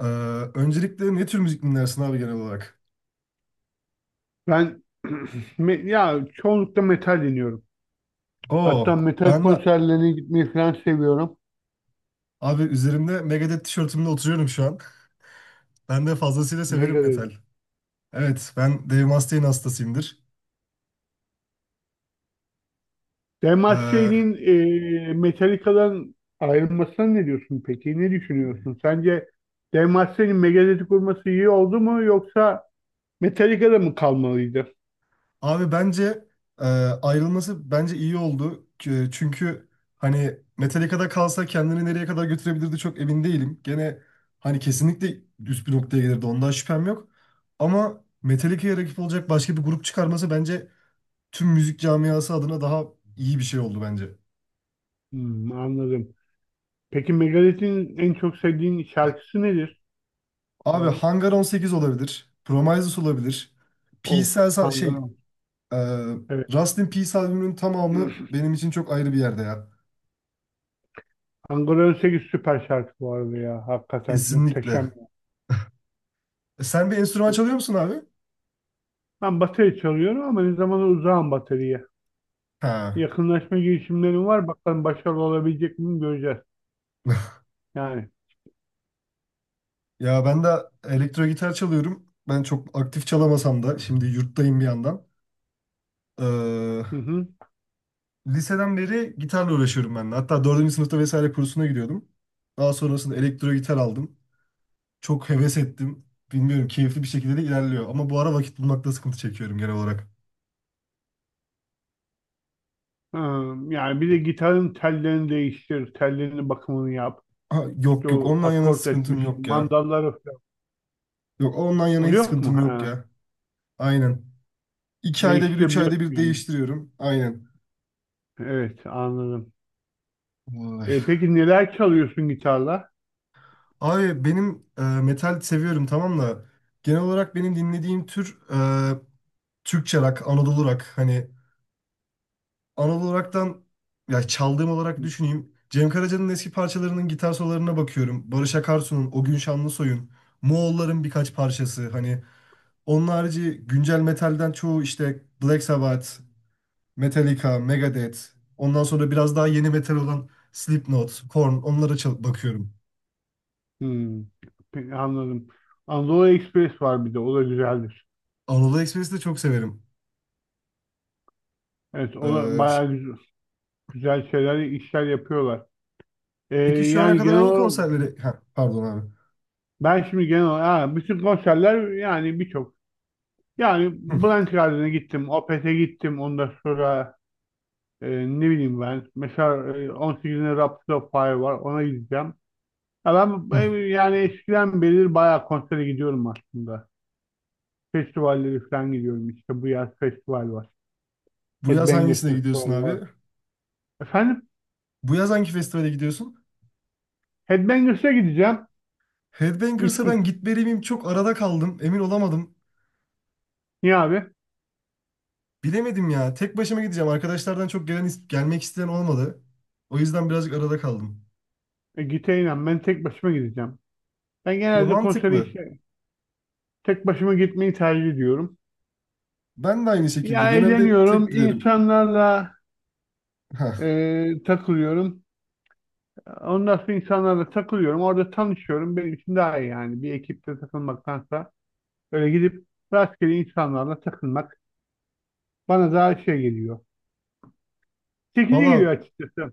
Ee, öncelikle ne tür müzik dinlersin abi genel olarak? Ben ya çoğunlukla metal dinliyorum. Oo, Hatta metal ben de konserlerine gitmeyi falan seviyorum. abi üzerimde Megadeth tişörtümle oturuyorum şu an. Ben de fazlasıyla severim Megadeth. metal. Evet, ben Dave Mustaine hastasıyımdır. Ee, Demacia'nın Metallica'dan ayrılmasına ne diyorsun peki? Ne düşünüyorsun? Sence Demacia'nın Megadeth'i kurması iyi oldu mu yoksa Metallica'da mı kalmalıydı? abi bence e, ayrılması bence iyi oldu. Çünkü hani Metallica'da kalsa kendini nereye kadar götürebilirdi çok emin değilim. Gene hani kesinlikle üst bir noktaya gelirdi ondan şüphem yok. Ama Metallica'ya rakip olacak başka bir grup çıkarması bence tüm müzik camiası adına daha iyi bir şey oldu bence. Hmm, anladım. Peki Megadeth'in en çok sevdiğin şarkısı nedir? Abi Hangar 18 olabilir. Promises olabilir. Peace Of, Cells- şey Hangar. e, Evet. Rust in Peace albümünün tamamı benim için çok ayrı bir yerde ya. Hangar 18 süper şarkı bu arada ya. Hakikaten muhteşem. Kesinlikle. Sen bir enstrüman çalıyor musun abi? Ben bateri çalıyorum ama ne zamanda uzağım bataryaya. Ha. Yakınlaşma girişimlerim var. Bakalım başarılı olabilecek miyim göreceğiz. Yani. Ya ben de elektro gitar çalıyorum. Ben çok aktif çalamasam da şimdi yurttayım bir yandan. Ee, Hı hı. liseden beri gitarla uğraşıyorum ben de. Hatta dördüncü sınıfta vesaire kursuna gidiyordum. Daha sonrasında elektro gitar aldım. Çok heves ettim. Bilmiyorum keyifli bir şekilde de ilerliyor. Ama bu ara vakit bulmakta sıkıntı çekiyorum genel olarak. Ee, Yani bir de gitarın tellerini değiştir. Tellerinin bakımını yap. Ha, İşte yok yok o ondan yana akort sıkıntım etmiş. yok ya. Mandalları falan. Yok ondan yana O hiç yok mu? sıkıntım yok Ha. ya. Aynen. İki ayda bir, üç ayda Değiştirebiliyorsun bir yani. değiştiriyorum. Aynen. Evet, anladım. Vay. E, peki neler çalıyorsun gitarla? Abi benim metal seviyorum tamam da genel olarak benim dinlediğim tür Türkçe rock, Anadolu rock. Hani Anadolu olaraktan ya çaldığım olarak Hı. düşüneyim. Cem Karaca'nın eski parçalarının gitar sololarına bakıyorum. Barış Akarsu'nun, O Gün Şanlısoy'un, Moğolların birkaç parçası. Hani onun harici güncel metalden çoğu işte Black Sabbath, Metallica, Megadeth. Ondan sonra biraz daha yeni metal olan Slipknot, Korn onlara bakıyorum. Hmm. Peki, anladım. Anadolu Express var bir de. O da güzeldir. Anadolu Express'i de çok severim. Evet, o da Ee, bayağı güzel, güzel şeyler, işler yapıyorlar. Ee, peki şu ana yani kadar genel hangi olarak konserleri... Ha, pardon abi. ben şimdi genel olarak ha, bütün konserler yani birçok. Yani Hı, Blank Garden'a gittim, Opeth'e gittim. Ondan sonra e, ne bileyim ben. Mesela 18'inde Rhapsody of Fire var. Ona gideceğim. Ya ben hı. ben yani eskiden beri bayağı konsere gidiyorum aslında. Festivalleri falan gidiyorum. İşte bu yaz festival var. Bu yaz Headbangers hangisine gidiyorsun Festival var. abi? Efendim. Bu yaz hangi festivale gidiyorsun? Headbangers'a gideceğim. Üç Headbangers'a gün. ben gitmeli miyim çok arada kaldım. Emin olamadım. Niye abi? Bilemedim ya. Tek başıma gideceğim. Arkadaşlardan çok gelen gelmek isteyen olmadı. O yüzden birazcık arada kaldım. E, gideyim ben, tek başıma gideceğim. Ben Yo, genelde konsere mantıklı. işte tek başıma gitmeyi tercih ediyorum. Ben de aynı şekilde. Ya Genelde eğleniyorum, tek giderim. insanlarla Heh. Takılıyorum. Ondan sonra insanlarla takılıyorum. Orada tanışıyorum. Benim için daha iyi yani. Bir ekipte takılmaktansa öyle gidip rastgele insanlarla takılmak bana daha şey geliyor. Çekici Valla geliyor açıkçası.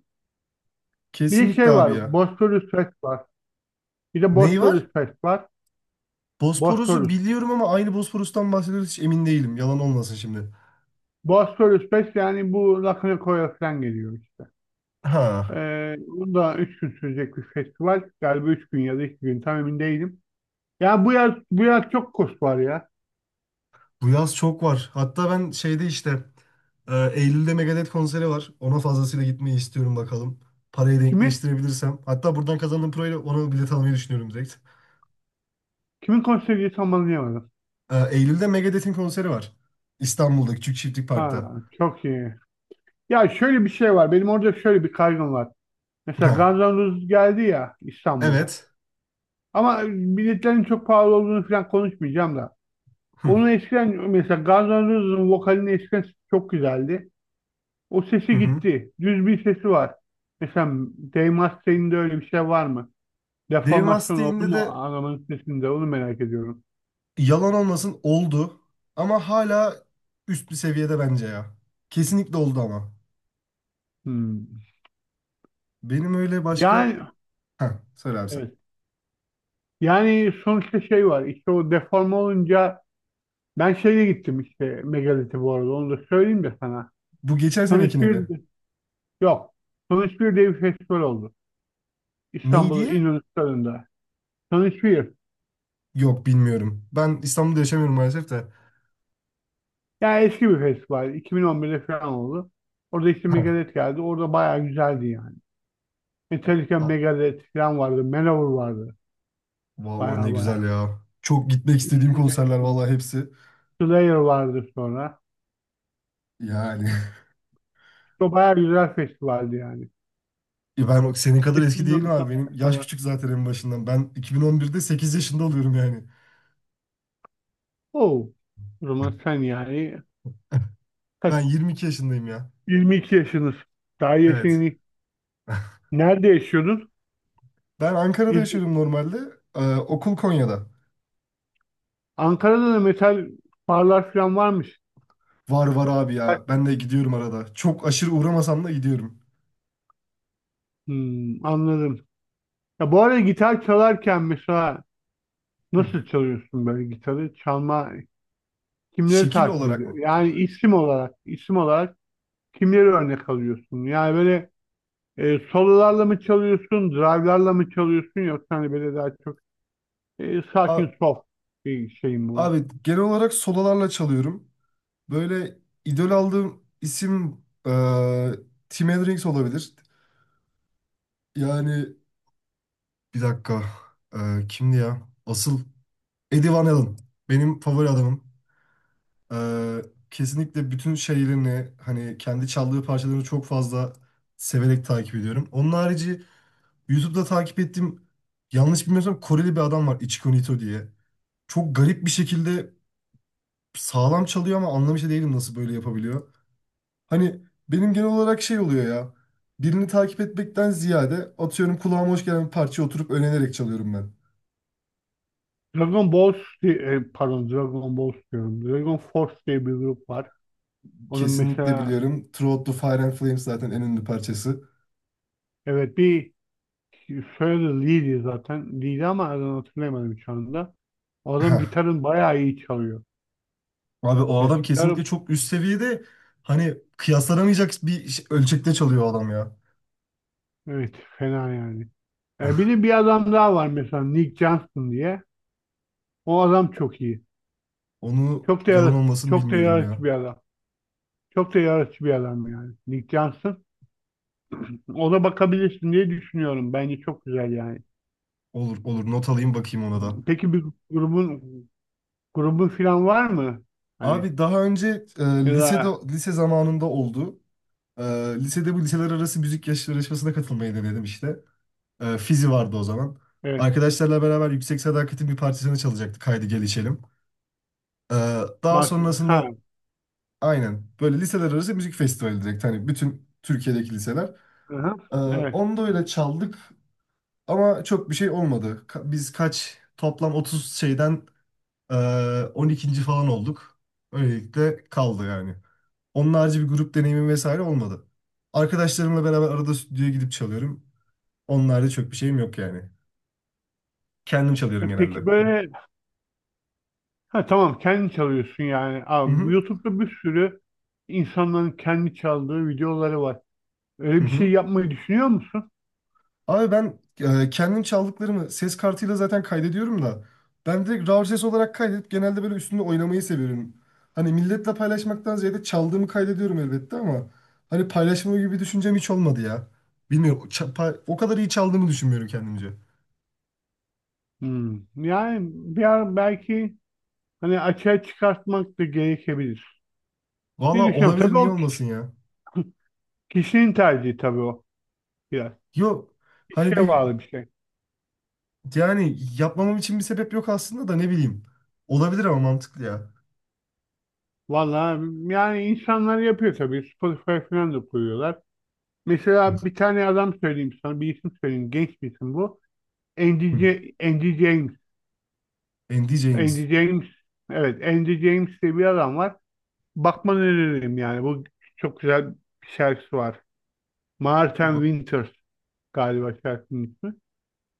Bir de kesinlikle şey abi var. ya. Bosphorus Fest var. Bir de Neyi var? Bosphorus Fest var. Bosporus'u Bosphorus. biliyorum ama aynı Bosporus'tan bahsediyoruz hiç emin değilim. Yalan olmasın şimdi. Bosphorus Fest yani bu Lakanikoya falan geliyor işte. Ha. Bu da üç gün sürecek bir festival. Galiba üç gün ya da iki gün tam emin değilim. Ya bu yaz çok kurs var ya. Bu yaz çok var. Hatta ben şeyde işte Eylül'de Megadeth konseri var. Ona fazlasıyla gitmeyi istiyorum bakalım. Parayı Kimin? denkleştirebilirsem. Hatta buradan kazandığım parayla ona bilet almayı düşünüyorum direkt. Kimin konseri diye tam anlayamadım. Eylül'de Megadeth'in konseri var. İstanbul'da Küçük Çiftlik Ha, Park'ta. çok iyi. Ya şöyle bir şey var. Benim orada şöyle bir kaygım var. Mesela Heh, Guns N' Roses geldi ya İstanbul'a. evet. Ama biletlerin çok pahalı olduğunu falan konuşmayacağım da. Hı, Onun eskiden mesela Guns N' Roses'ın vokalinin eskiden çok güzeldi. O hı sesi hı. gitti. Düz bir sesi var. Mesela Dave Mustaine'de öyle bir şey var mı? Dave Deformasyon oldu Mustaine'de mu de adamın sesinde? Onu merak ediyorum. yalan olmasın oldu. Ama hala üst bir seviyede bence ya. Kesinlikle oldu ama. Hmm. Benim öyle başka... Yani Heh, söyle abi sen. evet. Yani sonuçta şey var. İşte o deforme olunca ben şeye gittim işte Megalit'e bu arada. Onu da söyleyeyim de sana. Bu geçen Sonuç senekine bir mi? yok. Sonuç bir diye bir festival oldu. İstanbul'da Neydi? İnönü Stadı'nda. Sonuç bir. Yok bilmiyorum. Ben İstanbul'da yaşamıyorum maalesef de. Yani eski bir festival. 2011'de falan oldu. Orada işte Heh. Megadeth geldi. Orada bayağı güzeldi yani. Metallica, A- Megadeth falan vardı. Manowar vardı. Vallahi Baya ne güzel baya. ya. Çok gitmek Üst istediğim düzey konserler isimler. vallahi hepsi. Slayer vardı sonra. Yani. İşte baya güzel festivaldi yani. Ya ben senin kadar eski değilim abi. Benim yaş Bismillahirrahmanirrahim. küçük zaten en başından. Ben 2011'de 8 yaşında oluyorum yani. Oo. O zaman sen yani Ben kaç? 22 yaşındayım ya. 22 yaşınız. Daha yaşın, Evet. nerede yaşıyordun? Ben Ankara'da İzmir. yaşıyorum normalde. Okul Konya'da. Ankara'da da metal barlar falan varmış. Var var abi ya. Ben de gidiyorum arada. Çok aşırı uğramasam da gidiyorum. Hmm, anladım. Ya bu arada gitar çalarken mesela Hı. nasıl çalıyorsun böyle gitarı? Çalma kimleri Şekil takip olarak ediyor? mı? Yani isim olarak, isim olarak kimleri örnek alıyorsun? Yani böyle sololarla mı çalıyorsun, drive'larla mı çalıyorsun yoksa hani böyle daha çok A- sakin soft bir şey mi var? abi genel olarak sololarla çalıyorum. Böyle idol aldığım isim e, Tim Hendrix olabilir. Yani bir dakika. Kimdi ya? Asıl Eddie Van Halen. Benim favori adamım. E, kesinlikle bütün şeylerini hani kendi çaldığı parçalarını çok fazla severek takip ediyorum. Onun harici YouTube'da takip ettiğim yanlış bilmiyorsam Koreli bir adam var Ichiko Nito diye. Çok garip bir şekilde sağlam çalıyor ama anlamış değilim nasıl böyle yapabiliyor. Hani benim genel olarak şey oluyor ya. Birini takip etmekten ziyade atıyorum kulağıma hoş gelen bir parçaya oturup öğrenerek çalıyorum ben. Dragon Ball, di- e, pardon, Dragon Balls diyorum. Dragon Force diye bir grup var. Onun Kesinlikle mesela biliyorum. Throughout the Fire and Flames zaten en ünlü parçası. evet bir soyadı Lee'di zaten. Lee'di ama adını hatırlayamadım şu anda. O adam Heh. gitarın bayağı iyi çalıyor. Abi o adam Evet, kesinlikle gitarı çok üst seviyede hani kıyaslanamayacak bir ölçekte çalıyor o adam ya. evet fena yani. E, bir de bir adam daha var mesela Nick Johnson diye. O adam çok iyi. Onu Çok da yalan yaratıcı, olmasını çok da bilmiyorum yaratıcı ya. bir adam. Çok da yaratıcı bir adam yani. Nick Johnson. Ona bakabilirsin diye düşünüyorum. Bence çok güzel yani. Olur olur not alayım bakayım ona da. Peki bir grubun grubun falan var mı? Hani Abi daha önce ya lisede da lise zamanında oldu. E, lisede bu liseler arası müzik yarışmasına katılmayı denedim işte. Fizi vardı o zaman. evet. Arkadaşlarla beraber Yüksek Sadakat'in bir parçasını çalacaktık. Haydi gel içelim. E, daha Mark, ha, sonrasında aynen böyle liseler arası müzik festivali direkt. Hani bütün Türkiye'deki liseler. aha, E, evet. onu da öyle çaldık ama çok bir şey olmadı. Biz kaç toplam 30 şeyden e, 12. falan olduk. Öylelikle kaldı yani. Onun harici bir grup deneyimim vesaire olmadı. Arkadaşlarımla beraber arada stüdyoya gidip çalıyorum. Onlarda çok bir şeyim yok yani. Kendim E, çalıyorum peki genelde. böyle ha, tamam kendi çalıyorsun yani. Hı Abi, bu hı. YouTube'da bir sürü insanların kendi çaldığı videoları var. Öyle Hı bir şey hı. yapmayı düşünüyor musun? Abi ben kendim çaldıklarımı ses kartıyla zaten kaydediyorum da ben direkt RAW ses olarak kaydedip genelde böyle üstünde oynamayı seviyorum. Hani milletle paylaşmaktan ziyade çaldığımı kaydediyorum elbette ama hani paylaşma gibi bir düşüncem hiç olmadı ya. Bilmiyorum o kadar iyi çaldığımı düşünmüyorum kendimce. Hmm. Yani bir ara belki hani açığa çıkartmak da gerekebilir. Bir Valla düşünüyorum. olabilir Tabii niye o olmasın ya. kişinin tercihi, tabii o biraz. Yok hani İşe bir bağlı bir şey. yani yapmamam için bir sebep yok aslında da ne bileyim. Olabilir ama mantıklı ya. Vallahi yani insanlar yapıyor tabii. Spotify falan da koyuyorlar. Mesela bir tane adam söyleyeyim sana. Bir isim söyleyeyim. Genç bir isim bu. Hı. Andy James. En Andy diyeceğimiz. James. Evet. Andy James diye bir adam var. Bakmanı öneririm yani. Bu çok güzel bir şarkısı var. Martin Winters galiba şarkının ismi.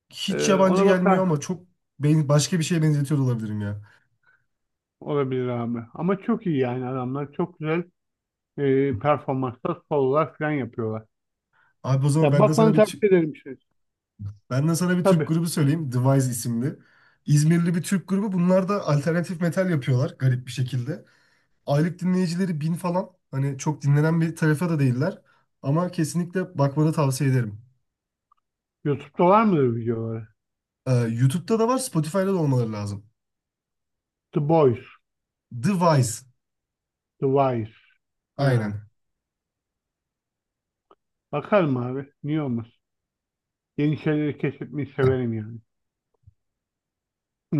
Hiç yabancı Ona gelmiyor bakar ama çok başka bir şeye benzetiyor da olabilirim ya. olabilir abi. Ama çok iyi yani adamlar. Çok güzel performansta sololar falan yapıyorlar. Abi o zaman Ya ben de sana bakmanı bir tavsiye ederim işte. ben de sana bir Türk Tabii. grubu söyleyeyim. The Wise isimli. İzmirli bir Türk grubu. Bunlar da alternatif metal yapıyorlar garip bir şekilde. Aylık dinleyicileri bin falan. Hani çok dinlenen bir tarafa da değiller. Ama kesinlikle bakmanı tavsiye ederim. YouTube'da var mıdır videoları? YouTube'da da var, Spotify'da da olmaları lazım. The Boys, The Wise. The Wise. Ha. Aynen. Bakarım abi. Niye olmaz? Yeni şeyleri keşfetmeyi severim yani.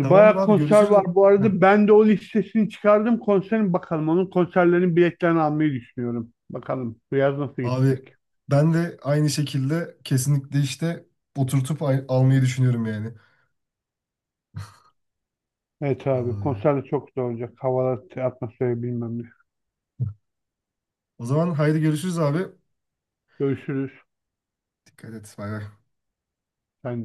Tamamdır abi konser görüşürüz. var bu Heh. arada. Ben de o listesini çıkardım. Konserin bakalım. Onun konserlerinin biletlerini almayı düşünüyorum. Bakalım. Bu yaz nasıl Abi gidecek? ben de aynı şekilde kesinlikle işte oturtup almayı düşünüyorum yani. Evet abi. Ay. Konser de çok güzel olacak. Havalar, atmosferi bilmem ne. O zaman haydi görüşürüz abi. Görüşürüz. Dikkat et. Bay bay. Sen